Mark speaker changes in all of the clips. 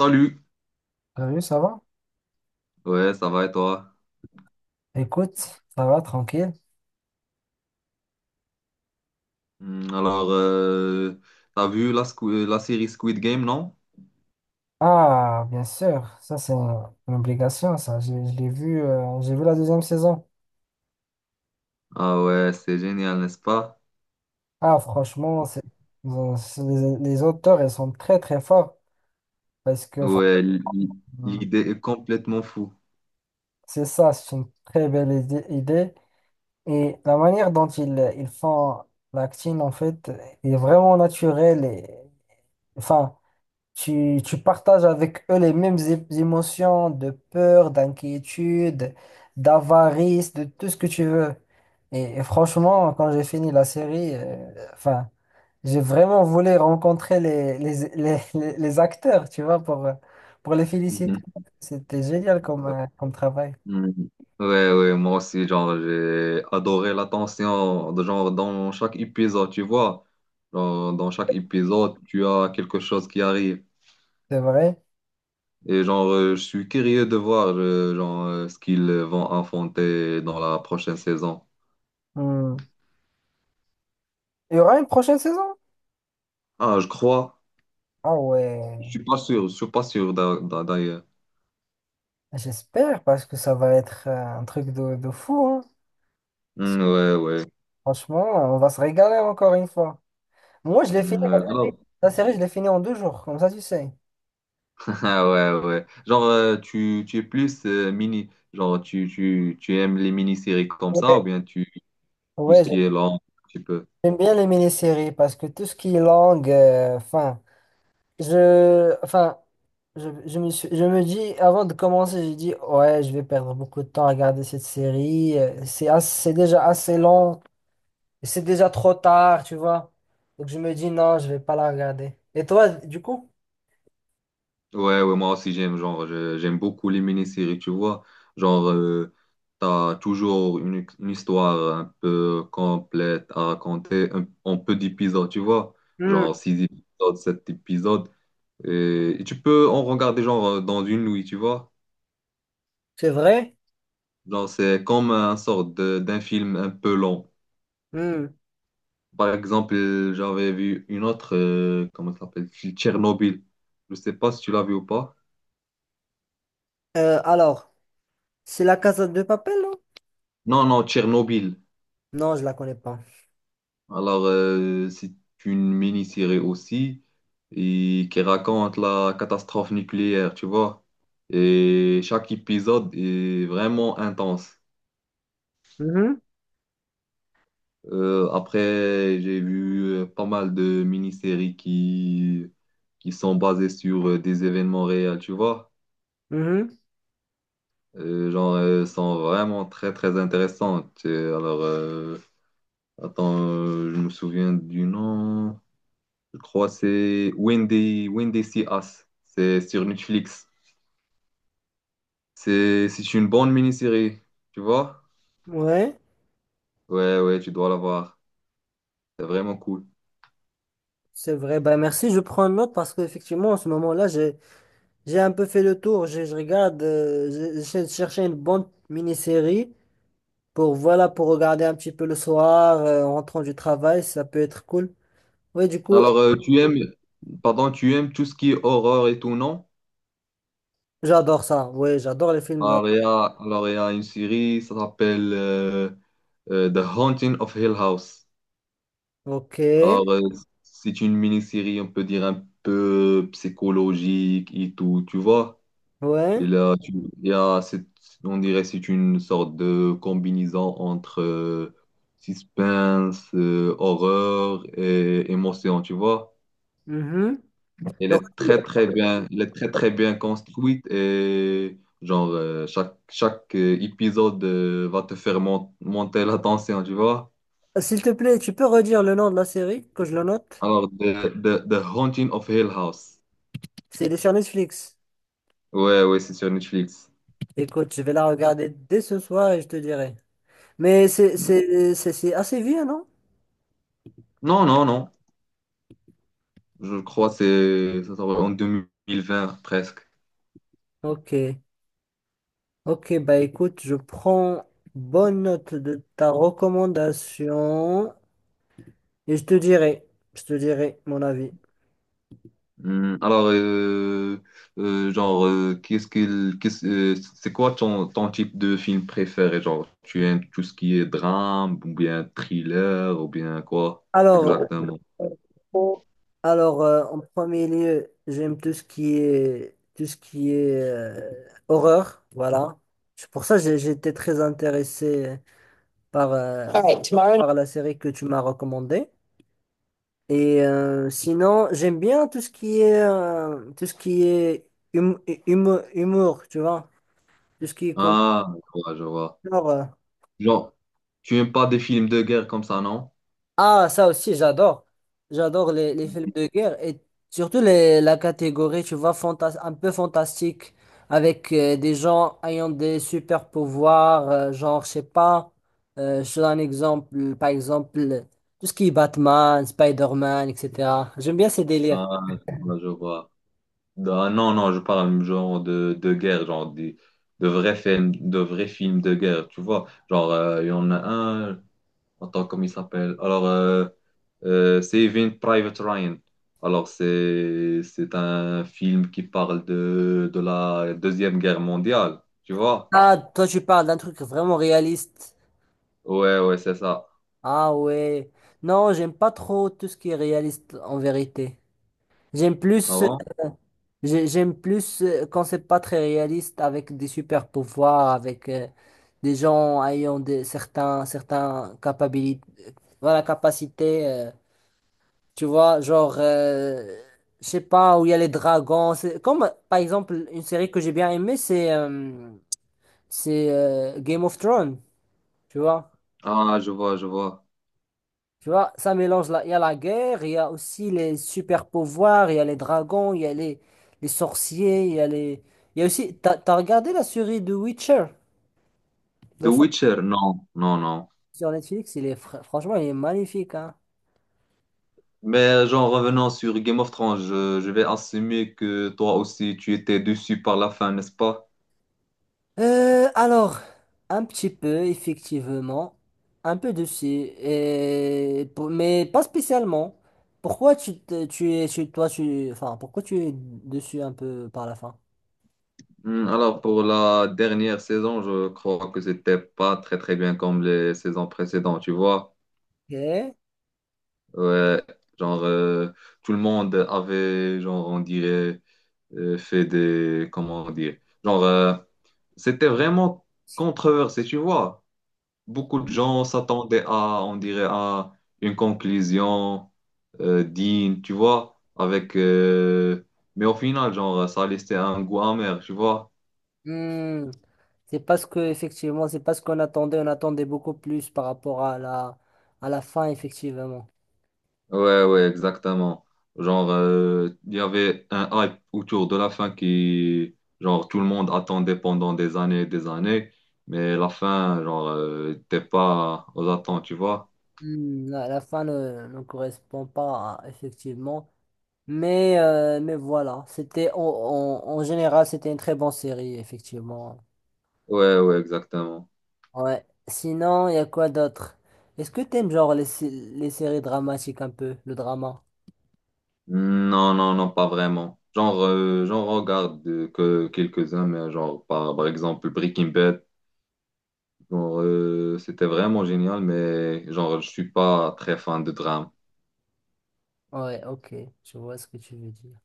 Speaker 1: Salut,
Speaker 2: Salut, ça va?
Speaker 1: ouais, ça va et toi?
Speaker 2: Écoute, ça va, tranquille.
Speaker 1: Alors, t'as vu la série Squid Game, non?
Speaker 2: Ah, bien sûr, ça c'est une obligation, ça. Je l'ai vu, j'ai vu la deuxième saison.
Speaker 1: Ah ouais, c'est génial, n'est-ce pas?
Speaker 2: Ah, franchement, les auteurs, ils sont très très forts parce que
Speaker 1: Ouais,
Speaker 2: Mm.
Speaker 1: l'idée est complètement fou.
Speaker 2: C'est ça, c'est une très belle idée. Et la manière dont ils font l'acting, en fait, est vraiment naturelle et, enfin, Tu partages avec eux les mêmes émotions de peur, d'inquiétude, d'avarice, de tout ce que tu veux. Et franchement, quand j'ai fini la série, enfin, j'ai vraiment voulu rencontrer les acteurs, tu vois, pour les féliciter.
Speaker 1: Mhm.
Speaker 2: C'était génial comme travail.
Speaker 1: Mhm. Ouais, ouais, moi aussi, genre, j'ai adoré l'attention, de genre, dans chaque épisode, tu vois. Genre, dans chaque épisode, tu as quelque chose qui arrive.
Speaker 2: C'est vrai.
Speaker 1: Et genre, je suis curieux de voir, genre, ce qu'ils vont affronter dans la prochaine saison.
Speaker 2: Hmm. Il y aura une prochaine saison?
Speaker 1: Ah, je crois.
Speaker 2: Ah
Speaker 1: Je
Speaker 2: ouais,
Speaker 1: suis pas sûr, je suis pas sûr d'ailleurs.
Speaker 2: j'espère, parce que ça va être un truc de fou, hein.
Speaker 1: Hmm, ouais, ouais.
Speaker 2: Franchement, on va se régaler encore une fois. Moi, je l'ai fini,
Speaker 1: Hmm, ouais. Alors,
Speaker 2: la série, je l'ai fini en deux jours, comme ça, tu sais.
Speaker 1: ah, ouais, ouais. Genre, tu es plus mini, genre, tu aimes les mini-séries comme
Speaker 2: Ok.
Speaker 1: ça ou bien tu, tout ce
Speaker 2: Ouais,
Speaker 1: qui est long un petit peu.
Speaker 2: j'aime bien les mini-séries parce que tout ce qui est langue, enfin, enfin, je me dis, avant de commencer, j'ai dit, ouais, je vais perdre beaucoup de temps à regarder cette série. C'est déjà assez long, et c'est déjà trop tard, tu vois. Donc, je me dis, non, je vais pas la regarder. Et toi, du coup?
Speaker 1: Ouais, ouais, moi aussi j'aime, genre, j'aime beaucoup les mini-séries, tu vois. Genre, t'as toujours une histoire un peu complète à raconter, en peu d'épisodes, tu vois.
Speaker 2: Hmm,
Speaker 1: Genre, six épisodes, sept épisodes. Et tu peux en regarder genre dans une nuit, tu vois.
Speaker 2: c'est vrai?
Speaker 1: Genre, c'est comme un d'un film un peu long.
Speaker 2: Hmm.
Speaker 1: Par exemple, j'avais vu une autre, comment ça s'appelle? Tchernobyl. Je sais pas si tu l'as vu ou pas.
Speaker 2: Alors, c'est la Casa de Papel, non?
Speaker 1: Non, non, Tchernobyl.
Speaker 2: Non, je la connais pas.
Speaker 1: Alors, c'est une mini-série aussi et qui raconte la catastrophe nucléaire, tu vois. Et chaque épisode est vraiment intense. Après, j'ai vu pas mal de mini-séries qui sont basées sur des événements réels, tu vois.
Speaker 2: Mhm.
Speaker 1: Genre, sont vraiment très, très intéressantes. Alors, attends, je me souviens du nom. Je crois que c'est When They See Us. C'est sur Netflix. C'est une bonne mini-série, tu vois.
Speaker 2: Ouais,
Speaker 1: Ouais, ouais, tu dois la voir. C'est vraiment cool.
Speaker 2: c'est vrai. Bah, merci, je prends note parce qu'effectivement, en ce moment-là, j'ai un peu fait le tour. J'essaie de chercher une bonne mini-série pour, voilà, pour regarder un petit peu le soir, en rentrant du travail, ça peut être cool. Oui, du coup,
Speaker 1: Alors, pardon, tu aimes tout ce qui est horreur et tout, non?
Speaker 2: j'adore ça. Oui, j'adore les films d'horreur.
Speaker 1: Alors, il y a une série, ça s'appelle The Haunting of Hill House.
Speaker 2: Ok,
Speaker 1: Alors, c'est une mini-série, on peut dire, un peu psychologique et tout, tu vois. Et
Speaker 2: ouais.
Speaker 1: là, tu, il y a, cette- on dirait, c'est une sorte de combinaison entre suspense, horreur et émotion, tu vois.
Speaker 2: Mhm.
Speaker 1: Elle
Speaker 2: Donc,
Speaker 1: est très très bien, elle est très très bien construite et genre chaque épisode va te faire monter la tension, tu vois.
Speaker 2: s'il te plaît, tu peux redire le nom de la série, que je le note?
Speaker 1: Alors The Haunting of Hill House.
Speaker 2: C'est Elle est sur Netflix.
Speaker 1: Ouais ouais, c'est sur Netflix.
Speaker 2: Écoute, je vais la regarder dès ce soir et je te dirai. Mais c'est assez vieux, non?
Speaker 1: Non non non, je crois que c'est ça sort en 2020 presque.
Speaker 2: Ok. Ok, bah écoute, je prends bonne note de ta recommandation et je te dirai mon avis.
Speaker 1: Alors, c'est quoi ton, ton type de film préféré? Genre, tu aimes tout ce qui est drame, ou bien thriller, ou bien quoi
Speaker 2: Alors,
Speaker 1: exactement?
Speaker 2: bon. Alors, en premier lieu, j'aime tout ce qui est horreur, voilà. C'est pour ça que j'étais très intéressé par, All right, tomorrow. Par la série que tu m'as recommandée. Et sinon, j'aime bien tout ce qui est tout ce qui est hum- humour, tu vois, tout ce qui est comme
Speaker 1: Ah, je vois, je vois.
Speaker 2: genre,
Speaker 1: Genre, tu aimes pas des films de guerre comme ça, non?
Speaker 2: Ah, ça aussi, j'adore. J'adore les films de guerre et surtout la catégorie, tu vois, fantas un peu fantastique avec des gens ayant des super pouvoirs, genre, je sais pas, je te donne un exemple, par exemple, tout ce qui est Batman, Spider-Man, etc. J'aime bien ces délires.
Speaker 1: Ah, je vois. Je vois. Ah, non, non, je parle genre de guerre, genre des, de vrais films, de vrais films de guerre, tu vois. Genre, il y en a un. Attends, comment il s'appelle? Alors, Saving Private Ryan. Alors, c'est un film qui parle de la Deuxième Guerre mondiale, tu vois?
Speaker 2: Ah, toi, tu parles d'un truc vraiment réaliste.
Speaker 1: Ouais, ouais, c'est ça.
Speaker 2: Ah ouais. Non, j'aime pas trop tout ce qui est réaliste en vérité. J'aime plus,
Speaker 1: Avant?
Speaker 2: j'aime plus quand c'est pas très réaliste avec des super pouvoirs, avec des gens ayant des certains capacités, voilà, capacité, tu vois, genre je sais pas où il y a les dragons, c'est comme par exemple une série que j'ai bien aimée, c'est Game of Thrones, tu vois.
Speaker 1: Ah, je vois, je vois.
Speaker 2: Tu vois, ça mélange il y a la guerre, il y a aussi les super pouvoirs, il y a les dragons, il y a les sorciers, il y a les. Il y a aussi. T'as regardé la série de Witcher?
Speaker 1: The
Speaker 2: Le sort-
Speaker 1: Witcher, non, non, non.
Speaker 2: Sur Netflix, il est franchement, il est magnifique, hein.
Speaker 1: Mais genre, revenant sur Game of Thrones, je vais assumer que toi aussi, tu étais déçu par la fin, n'est-ce pas?
Speaker 2: Alors, un petit peu, effectivement. Un peu dessus. Et, mais pas spécialement. Pourquoi tu, te- tu es tu- toi, tu. Enfin, pourquoi tu es dessus un peu par la fin?
Speaker 1: Alors, pour la dernière saison, je crois que c'était pas très, très bien comme les saisons précédentes, tu vois?
Speaker 2: Ok.
Speaker 1: Ouais, genre tout le monde avait, genre on dirait, fait des, comment on dit, genre c'était vraiment controversé, tu vois. Beaucoup de gens s'attendaient à, on dirait, à une conclusion digne, tu vois, avec, mais au final, genre ça laissait un goût amer, tu vois.
Speaker 2: Hmm, c'est parce que effectivement, c'est parce qu'on attendait beaucoup plus par rapport à la fin effectivement.
Speaker 1: Ouais, ouais, exactement. Genre, il y avait un hype autour de la fin qui, genre, tout le monde attendait pendant des années et des années, mais la fin, genre, t'es pas aux attentes, tu vois?
Speaker 2: Hmm, la fin ne correspond pas effectivement, mais voilà, c'était en général c'était une très bonne série effectivement.
Speaker 1: Ouais, ouais, exactement.
Speaker 2: Ouais. Sinon, il y a quoi d'autre? Est-ce que t'aimes genre les séries dramatiques un peu, le drama?
Speaker 1: Non, non, non, pas vraiment. Genre, j'en regarde que quelques-uns, mais genre, par, par exemple, Breaking Bad, genre, c'était vraiment génial, mais genre, je suis pas très fan de drame.
Speaker 2: Ouais, ok, je vois ce que tu veux dire.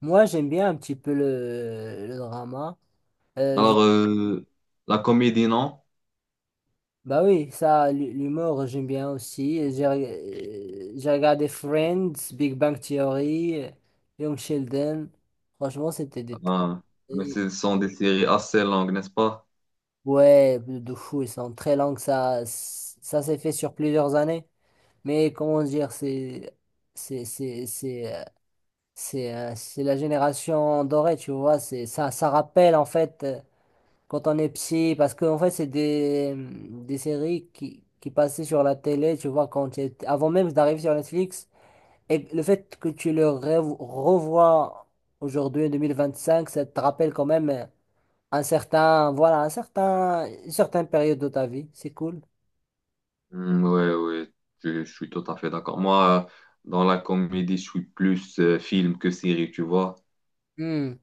Speaker 2: Moi, j'aime bien un petit peu le drama. Je
Speaker 1: Alors, la comédie, non?
Speaker 2: Bah oui, ça, l'humour, j'aime bien aussi. J'ai regardé Friends, Big Bang Theory, Young Sheldon. Franchement, c'était des très...
Speaker 1: Ah, mais
Speaker 2: très-
Speaker 1: ce sont des séries assez longues, n'est-ce pas?
Speaker 2: Ouais, de fou, ils sont très longs. Ça s'est fait sur plusieurs années. Mais comment dire, C'est c'est- c'est, euh, c'est la génération dorée, tu vois. Ça, ça rappelle, en fait. Quand on est petit, parce qu'en fait, c'est des séries qui passaient sur la télé, tu vois, quand avant même d'arriver sur Netflix. Et le fait que tu le revois aujourd'hui, en 2025, ça te rappelle quand même voilà, une certaine période de ta vie. C'est cool.
Speaker 1: Hmm, ouais, ouais, je suis tout à fait d'accord. Moi, dans la comédie, je suis plus film que série, tu vois.
Speaker 2: Hmm,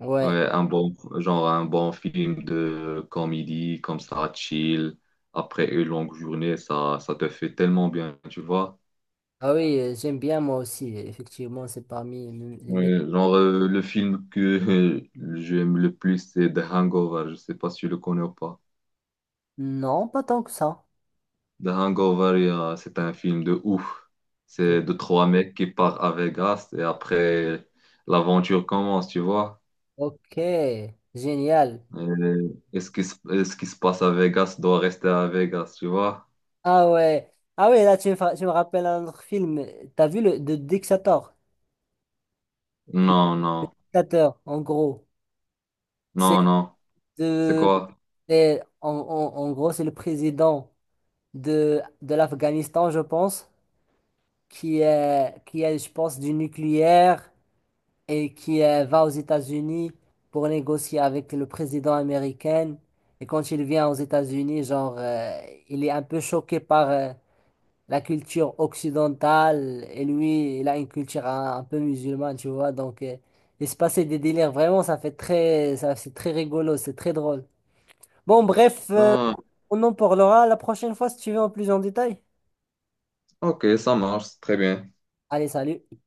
Speaker 2: ouais.
Speaker 1: Ouais, un bon, genre un bon film de comédie, comme ça, chill, après une longue journée, ça te fait tellement bien, tu vois.
Speaker 2: Ah oui, j'aime bien moi aussi. Effectivement, c'est parmi.
Speaker 1: Ouais, genre, le film que j'aime le plus, c'est The Hangover, je sais pas si tu le connais ou pas.
Speaker 2: Non, pas tant que ça.
Speaker 1: The Hangover, c'est un film de ouf. C'est de 3 mecs qui partent à Vegas et après, l'aventure commence, tu vois.
Speaker 2: Ok, génial.
Speaker 1: Et, et ce qui se passe à Vegas doit rester à Vegas, tu vois.
Speaker 2: Ah ouais. Ah ouais, là, tu me rappelles un autre film. T'as vu le de dictator,
Speaker 1: Non, non,
Speaker 2: dictateur, en gros.
Speaker 1: non,
Speaker 2: C'est
Speaker 1: non. C'est
Speaker 2: de,
Speaker 1: quoi?
Speaker 2: c'est- en, en- en gros, c'est le président de l'Afghanistan, je pense, qui est, je pense, du nucléaire et qui va aux États-Unis pour négocier avec le président américain. Et quand il vient aux États-Unis, genre, il est un peu choqué par, la culture occidentale et lui, il a une culture un peu musulmane, tu vois. Donc, il se passait des délires. Vraiment, ça, c'est très rigolo, c'est très drôle. Bon, bref,
Speaker 1: Ah,
Speaker 2: on en parlera la prochaine fois si tu veux en plus en détail.
Speaker 1: ok, ça marche, très bien.
Speaker 2: Allez, salut.